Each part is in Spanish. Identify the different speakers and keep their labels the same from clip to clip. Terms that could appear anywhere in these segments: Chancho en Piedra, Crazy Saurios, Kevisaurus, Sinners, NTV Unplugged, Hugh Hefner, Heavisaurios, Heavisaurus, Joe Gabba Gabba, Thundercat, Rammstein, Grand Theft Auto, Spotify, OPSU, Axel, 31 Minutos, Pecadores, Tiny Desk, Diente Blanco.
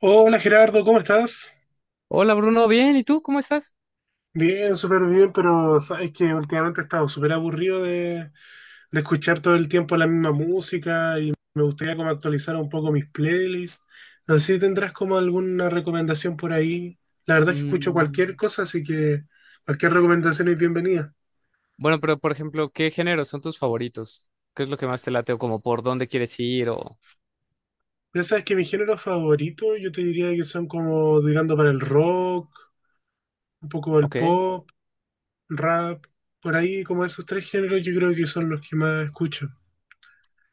Speaker 1: Hola Gerardo, ¿cómo estás?
Speaker 2: Hola Bruno, bien, ¿y tú cómo estás?
Speaker 1: Bien, súper bien, pero sabes que últimamente he estado súper aburrido de escuchar todo el tiempo la misma música y me gustaría como actualizar un poco mis playlists. No sé si tendrás como alguna recomendación por ahí. La verdad es que escucho cualquier
Speaker 2: Mm,
Speaker 1: cosa, así que cualquier recomendación es bienvenida.
Speaker 2: bueno, pero por ejemplo, ¿qué géneros son tus favoritos? ¿Qué es lo que más te late o como por dónde quieres ir o...
Speaker 1: Ya sabes que mi género favorito yo te diría que son como tirando para el rock, un poco el
Speaker 2: Ok,
Speaker 1: pop, rap, por ahí como esos tres géneros yo creo que son los que más escucho.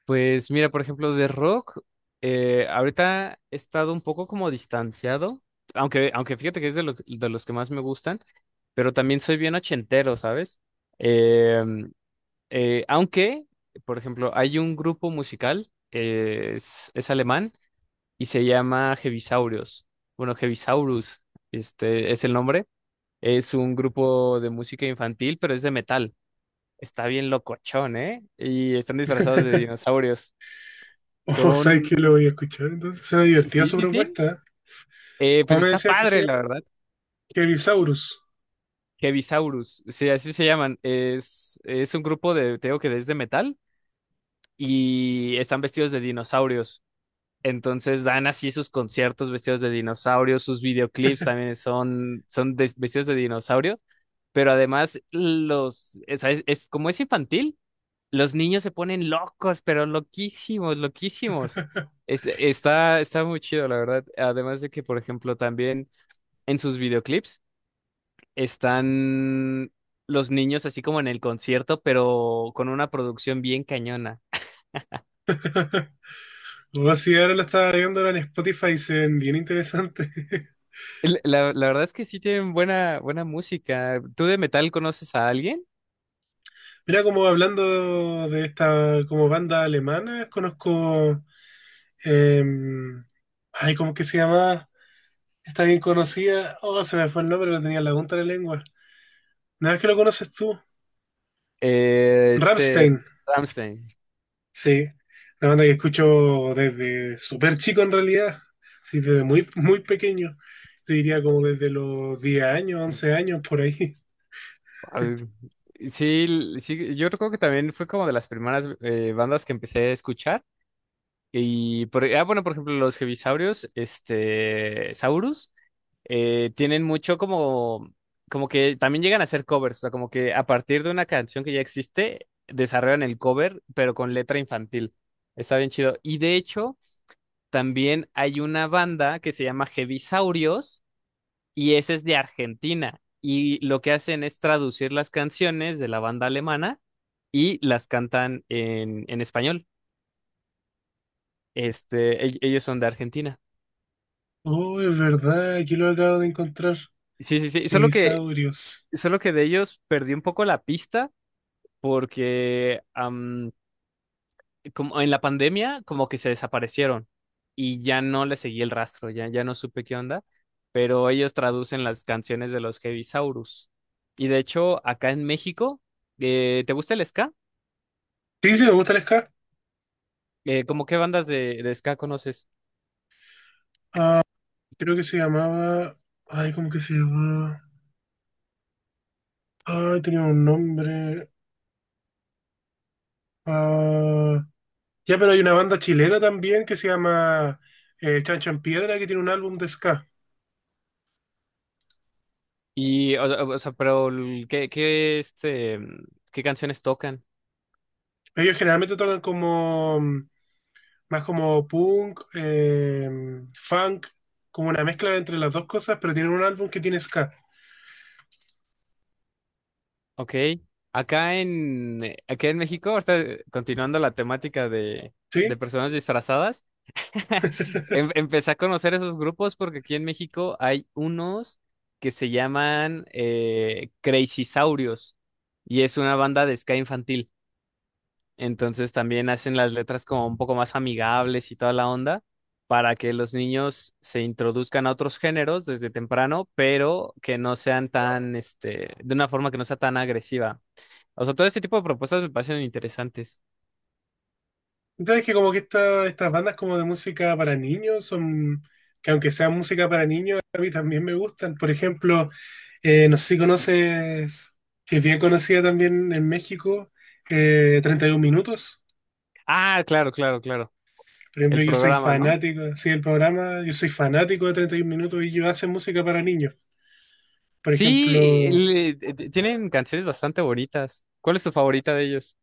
Speaker 2: pues mira, por ejemplo, de rock, ahorita he estado un poco como distanciado, aunque fíjate que es de, de los que más me gustan, pero también soy bien ochentero, ¿sabes? Eh, eh, aunque, por ejemplo, hay un grupo musical, es alemán y se llama Heavisaurios. Bueno, Heavisaurus, este es el nombre. Es un grupo de música infantil, pero es de metal. Está bien locochón, ¿eh? Y están disfrazados de dinosaurios.
Speaker 1: Oh, ¿sabes que lo
Speaker 2: Son...
Speaker 1: voy a escuchar? Entonces, suena divertida
Speaker 2: Sí,
Speaker 1: su
Speaker 2: sí, sí.
Speaker 1: propuesta, ¿eh?
Speaker 2: Pues
Speaker 1: ¿Cómo me
Speaker 2: está
Speaker 1: decías que se
Speaker 2: padre, la
Speaker 1: llama?
Speaker 2: verdad.
Speaker 1: Kevisaurus.
Speaker 2: Heavisaurus, sí, así se llaman. Es un grupo de, te digo que es de metal y están vestidos de dinosaurios. Entonces dan así sus conciertos vestidos de dinosaurio, sus videoclips también son vestidos de dinosaurio, pero además como es infantil, los niños se ponen locos, pero loquísimos, loquísimos. Está muy chido, la verdad. Además de que, por ejemplo, también en sus videoclips están los niños así como en el concierto, pero con una producción bien cañona.
Speaker 1: O si ahora la estaba viendo ahora en Spotify y se ven bien interesante.
Speaker 2: La verdad es que sí tienen buena, buena música. ¿Tú de metal conoces a alguien?
Speaker 1: Mira, como hablando de esta como banda alemana, conozco. eh, Ay, ¿cómo que se llama? Está bien conocida. Oh, se me fue el nombre, lo tenía en la punta de la lengua. Nada más que lo conoces tú.
Speaker 2: Eh, este,
Speaker 1: Rammstein.
Speaker 2: Rammstein.
Speaker 1: Sí, una banda que escucho desde súper chico en realidad, sí, desde muy, muy pequeño, te diría como desde los 10 años, 11 años por ahí.
Speaker 2: Al- Sí, sí, yo recuerdo que también fue como de las primeras bandas que empecé a escuchar. Bueno, por ejemplo, los Heavisaurios, este, Saurus, tienen mucho como que también llegan a hacer covers, o sea, como que a partir de una canción que ya existe, desarrollan el cover, pero con letra infantil. Está bien chido. Y de hecho... También hay una banda que se llama Heavisaurios y ese es de Argentina. Y lo que hacen es traducir las canciones de la banda alemana y las cantan en español. Este, ellos son de Argentina.
Speaker 1: Oh, es verdad, aquí lo acabo de encontrar,
Speaker 2: Sí, sí, sí.
Speaker 1: Heavisaurios.
Speaker 2: Solo que de ellos perdí un poco la pista porque como en la pandemia como que se desaparecieron y ya no le seguí el rastro, ya no supe qué onda. Pero ellos traducen las canciones de los Heavisaurus. Y de hecho, acá en México, ¿te gusta el ska?
Speaker 1: Sí, sí, me gusta el ska,
Speaker 2: ¿Cómo qué bandas de ska conoces?
Speaker 1: creo que se llamaba, ay, ¿cómo que se llamaba? Ay, tenía un nombre, ah, ya, pero hay una banda chilena también que se llama Chancho en Piedra, que tiene un álbum de ska.
Speaker 2: O sea, ¿qué, este, qué canciones tocan?
Speaker 1: Ellos generalmente tocan como más como punk, funk, como una mezcla entre las dos cosas, pero tienen un álbum que tiene ska,
Speaker 2: Ok. Acá en México, ahorita, continuando la temática de
Speaker 1: ¿sí?
Speaker 2: personas disfrazadas, Empecé a conocer esos grupos porque aquí en México hay unos que se llaman Crazy Saurios y es una banda de ska infantil. Entonces también hacen las letras como un poco más amigables y toda la onda para que los niños se introduzcan a otros géneros desde temprano, pero que no sean tan, este, de una forma que no sea tan agresiva. O sea, todo este tipo de propuestas me parecen interesantes.
Speaker 1: Entonces que como que estas bandas como de música para niños son, que aunque sea música para niños, a mí también me gustan. Por ejemplo, no sé si conoces, que es bien conocida también en México, 31 Minutos.
Speaker 2: Ah, claro, claro, claro.
Speaker 1: Por
Speaker 2: El
Speaker 1: ejemplo, yo soy
Speaker 2: programa, ¿no?
Speaker 1: fanático, así del programa, yo soy fanático de 31 Minutos y ellos hacen música para niños. Por
Speaker 2: Sí,
Speaker 1: ejemplo,
Speaker 2: tienen canciones bastante bonitas. ¿Cuál es tu favorita de ellos?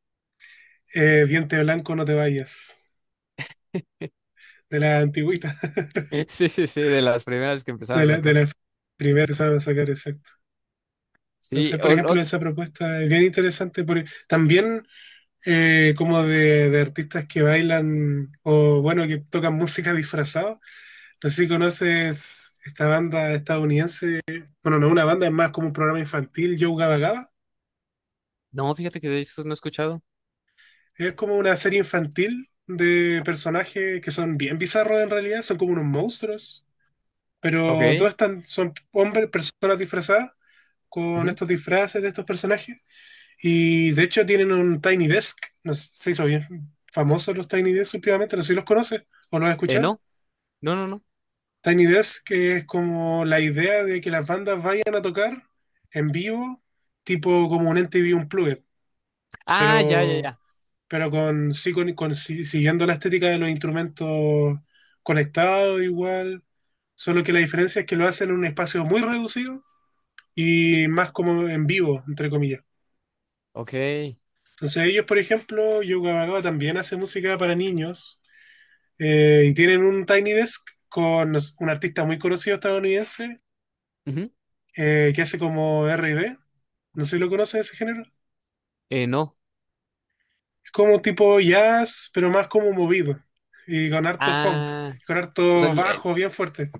Speaker 1: Diente Blanco, no te vayas. De la antigüita,
Speaker 2: Sí, sí, sí, de las primeras que
Speaker 1: de
Speaker 2: empezaron a
Speaker 1: la, de
Speaker 2: sacar.
Speaker 1: la primera que empezaron a sacar, exacto.
Speaker 2: Sí,
Speaker 1: Entonces, por ejemplo, esa propuesta es bien interesante, porque también como de artistas que bailan o, bueno, que tocan música disfrazado. No sé si conoces esta banda estadounidense, bueno, no es una banda, es más como un programa infantil, Joe Gabba Gabba.
Speaker 2: no, fíjate que de eso no he escuchado.
Speaker 1: Es como una serie infantil de personajes que son bien bizarros en realidad, son como unos monstruos, pero todos
Speaker 2: Ok.
Speaker 1: están, son hombres, personas disfrazadas con
Speaker 2: Ujú.
Speaker 1: estos disfraces de estos personajes. Y de hecho tienen un Tiny Desk. No sé, se hizo bien famosos los Tiny Desk últimamente, no sé si los conoces o los has escuchado.
Speaker 2: No, no, no, no.
Speaker 1: Tiny Desk, que es como la idea de que las bandas vayan a tocar en vivo, tipo como un NTV Unplugged,
Speaker 2: Ah, ya, ya,
Speaker 1: pero,
Speaker 2: ya.
Speaker 1: pero con- sí- siguiendo la estética de los instrumentos conectados igual, solo que la diferencia es que lo hacen en un espacio muy reducido y más como en vivo, entre comillas.
Speaker 2: Ok.
Speaker 1: Entonces ellos, por ejemplo, Yoga Bagaba también hace música para niños y tienen un Tiny Desk con un artista muy conocido estadounidense
Speaker 2: Ujú.
Speaker 1: que hace como R&B. No sé si lo conocen ese género.
Speaker 2: No.
Speaker 1: Es como tipo jazz, pero más como movido y con harto funk,
Speaker 2: Ah,
Speaker 1: con
Speaker 2: o sea,
Speaker 1: harto bajo bien fuerte.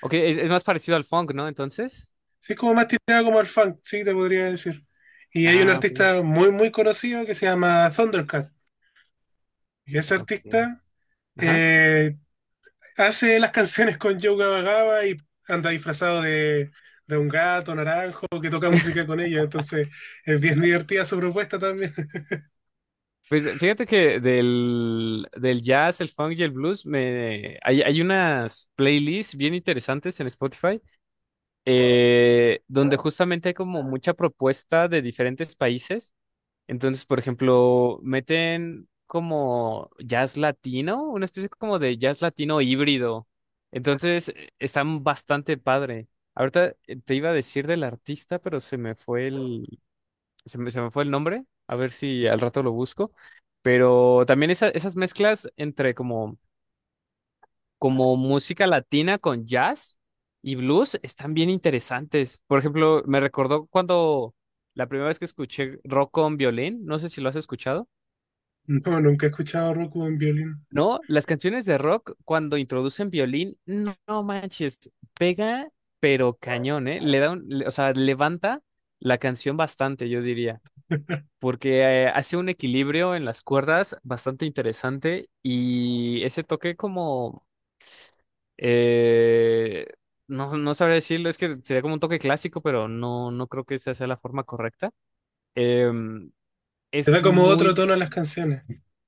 Speaker 2: ok, es más parecido al funk, ¿no? Entonces.
Speaker 1: Sí, es como más tirado como al funk, sí, te podría decir. Y hay un
Speaker 2: Ah, ok.
Speaker 1: artista muy, muy conocido que se llama Thundercat. Y ese
Speaker 2: Ok.
Speaker 1: artista
Speaker 2: Ajá.
Speaker 1: eh, hace las canciones con Joe Gaba y anda disfrazado de un gato naranjo que toca música con ella. Entonces es bien divertida su propuesta también.
Speaker 2: Pues fíjate que del jazz, el funk y el blues, hay unas playlists bien interesantes en Spotify, donde justamente hay como mucha propuesta de diferentes países. Entonces, por ejemplo, meten como jazz latino, una especie como de jazz latino híbrido. Entonces, están bastante padre. Ahorita te iba a decir del artista, pero se me fue se me fue el nombre, a ver si al rato lo busco, pero también esas mezclas entre como, como música latina con jazz y blues están bien interesantes. Por ejemplo, me recordó cuando la primera vez que escuché rock con violín, no sé si lo has escuchado.
Speaker 1: No, nunca he escuchado a Rocco en violín.
Speaker 2: No, las canciones de rock cuando introducen violín, no, no manches, pega, pero cañón, ¿eh? Le da un- le- o sea, levanta la canción bastante, yo diría. Porque hace un equilibrio en las cuerdas bastante interesante y ese toque como, eh, no, no sabría decirlo, es que sería como un toque clásico, pero no, no creo que esa sea la forma correcta. Em,
Speaker 1: Le da
Speaker 2: es
Speaker 1: como otro
Speaker 2: muy...
Speaker 1: tono a las canciones.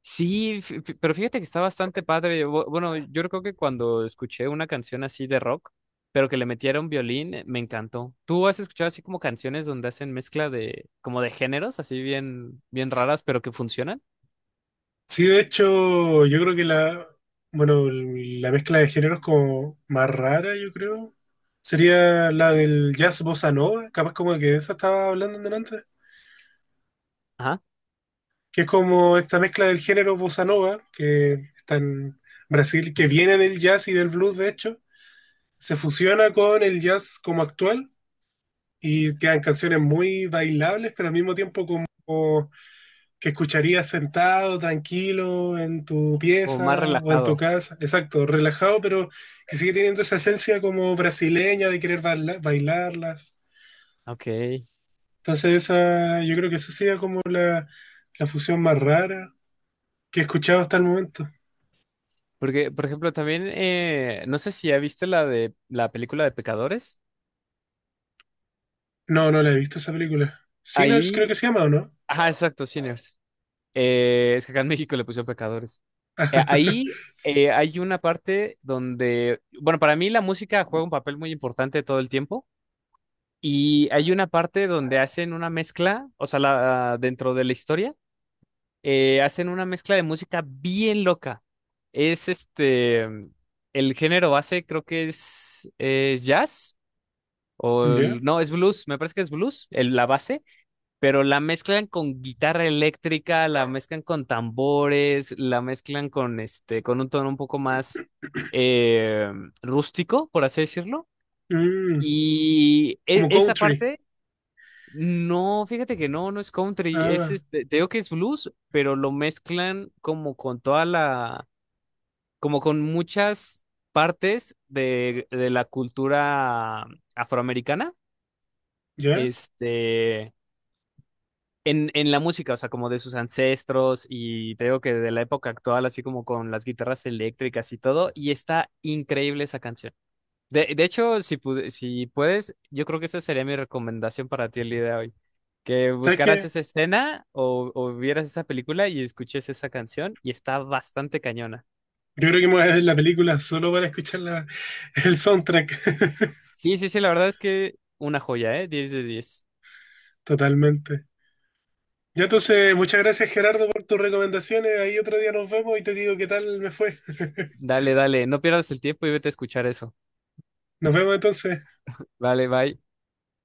Speaker 2: Sí, pero fíjate que está bastante padre. Bueno, yo creo que cuando escuché una canción así de rock, pero que le metiera un violín, me encantó. ¿Tú has escuchado así como canciones donde hacen mezcla de, como de géneros, así bien, bien raras, pero que funcionan?
Speaker 1: Sí, de hecho, yo creo que la, bueno, la mezcla de géneros como más rara, yo creo, sería la del jazz bossa nova. Capaz como que de esa estaba hablando en delante. Que es como esta mezcla del género bossa nova, que está en Brasil, que viene del jazz y del blues, de hecho, se fusiona con el jazz como actual y quedan canciones muy bailables, pero al mismo tiempo como que escucharías sentado, tranquilo, en tu
Speaker 2: O más
Speaker 1: pieza o en tu
Speaker 2: relajado.
Speaker 1: casa, exacto, relajado, pero que sigue teniendo esa esencia como brasileña de querer bailarlas.
Speaker 2: Ok.
Speaker 1: Entonces esa, yo creo que esa sería como la, fusión más rara que he escuchado hasta el momento.
Speaker 2: Porque, por ejemplo, también, no sé si ya viste la de la película de Pecadores.
Speaker 1: No, no la he visto esa película. Sinners creo que
Speaker 2: Ahí,
Speaker 1: se llama, ¿o no?
Speaker 2: ajá, exacto, Sinners. Es que acá en México le pusieron Pecadores. Eh, ahí eh, hay una parte donde, bueno, para mí la música juega un papel muy importante todo el tiempo. Y hay una parte donde hacen una mezcla, o sea, la, dentro de la historia hacen una mezcla de música bien loca. Es este, el género base creo que es, jazz o
Speaker 1: ¿Ya?
Speaker 2: no, es blues, me parece que es blues, la base, pero la mezclan con guitarra eléctrica, la mezclan con tambores, la mezclan con este, con un tono un poco más eh, rústico, por así decirlo.
Speaker 1: Mm, Como
Speaker 2: Esa
Speaker 1: country.
Speaker 2: parte no, fíjate que no, no es country, es
Speaker 1: Ah,
Speaker 2: este, te digo que es blues, pero lo mezclan como con toda la, como con muchas partes de la cultura afroamericana,
Speaker 1: ¿ya?
Speaker 2: este, en la música, o sea, como de sus ancestros y te digo que de la época actual, así como con las guitarras eléctricas y todo, y está increíble esa canción. De hecho, si, si puedes, yo creo que esa sería mi recomendación para ti el día de hoy. Que
Speaker 1: ¿Sabes
Speaker 2: buscaras
Speaker 1: qué?
Speaker 2: esa escena o vieras esa película y escuches esa canción y está bastante cañona.
Speaker 1: Yo creo que me voy a ver la película solo para escuchar el soundtrack.
Speaker 2: Sí, sí, sí, la verdad es que una joya, ¿eh? 10 de 10.
Speaker 1: Totalmente. Ya entonces, muchas gracias Gerardo por tus recomendaciones. Ahí otro día nos vemos y te digo qué tal me fue.
Speaker 2: Dale, dale, no pierdas el tiempo y vete a escuchar eso.
Speaker 1: Nos vemos entonces.
Speaker 2: Vale, bye.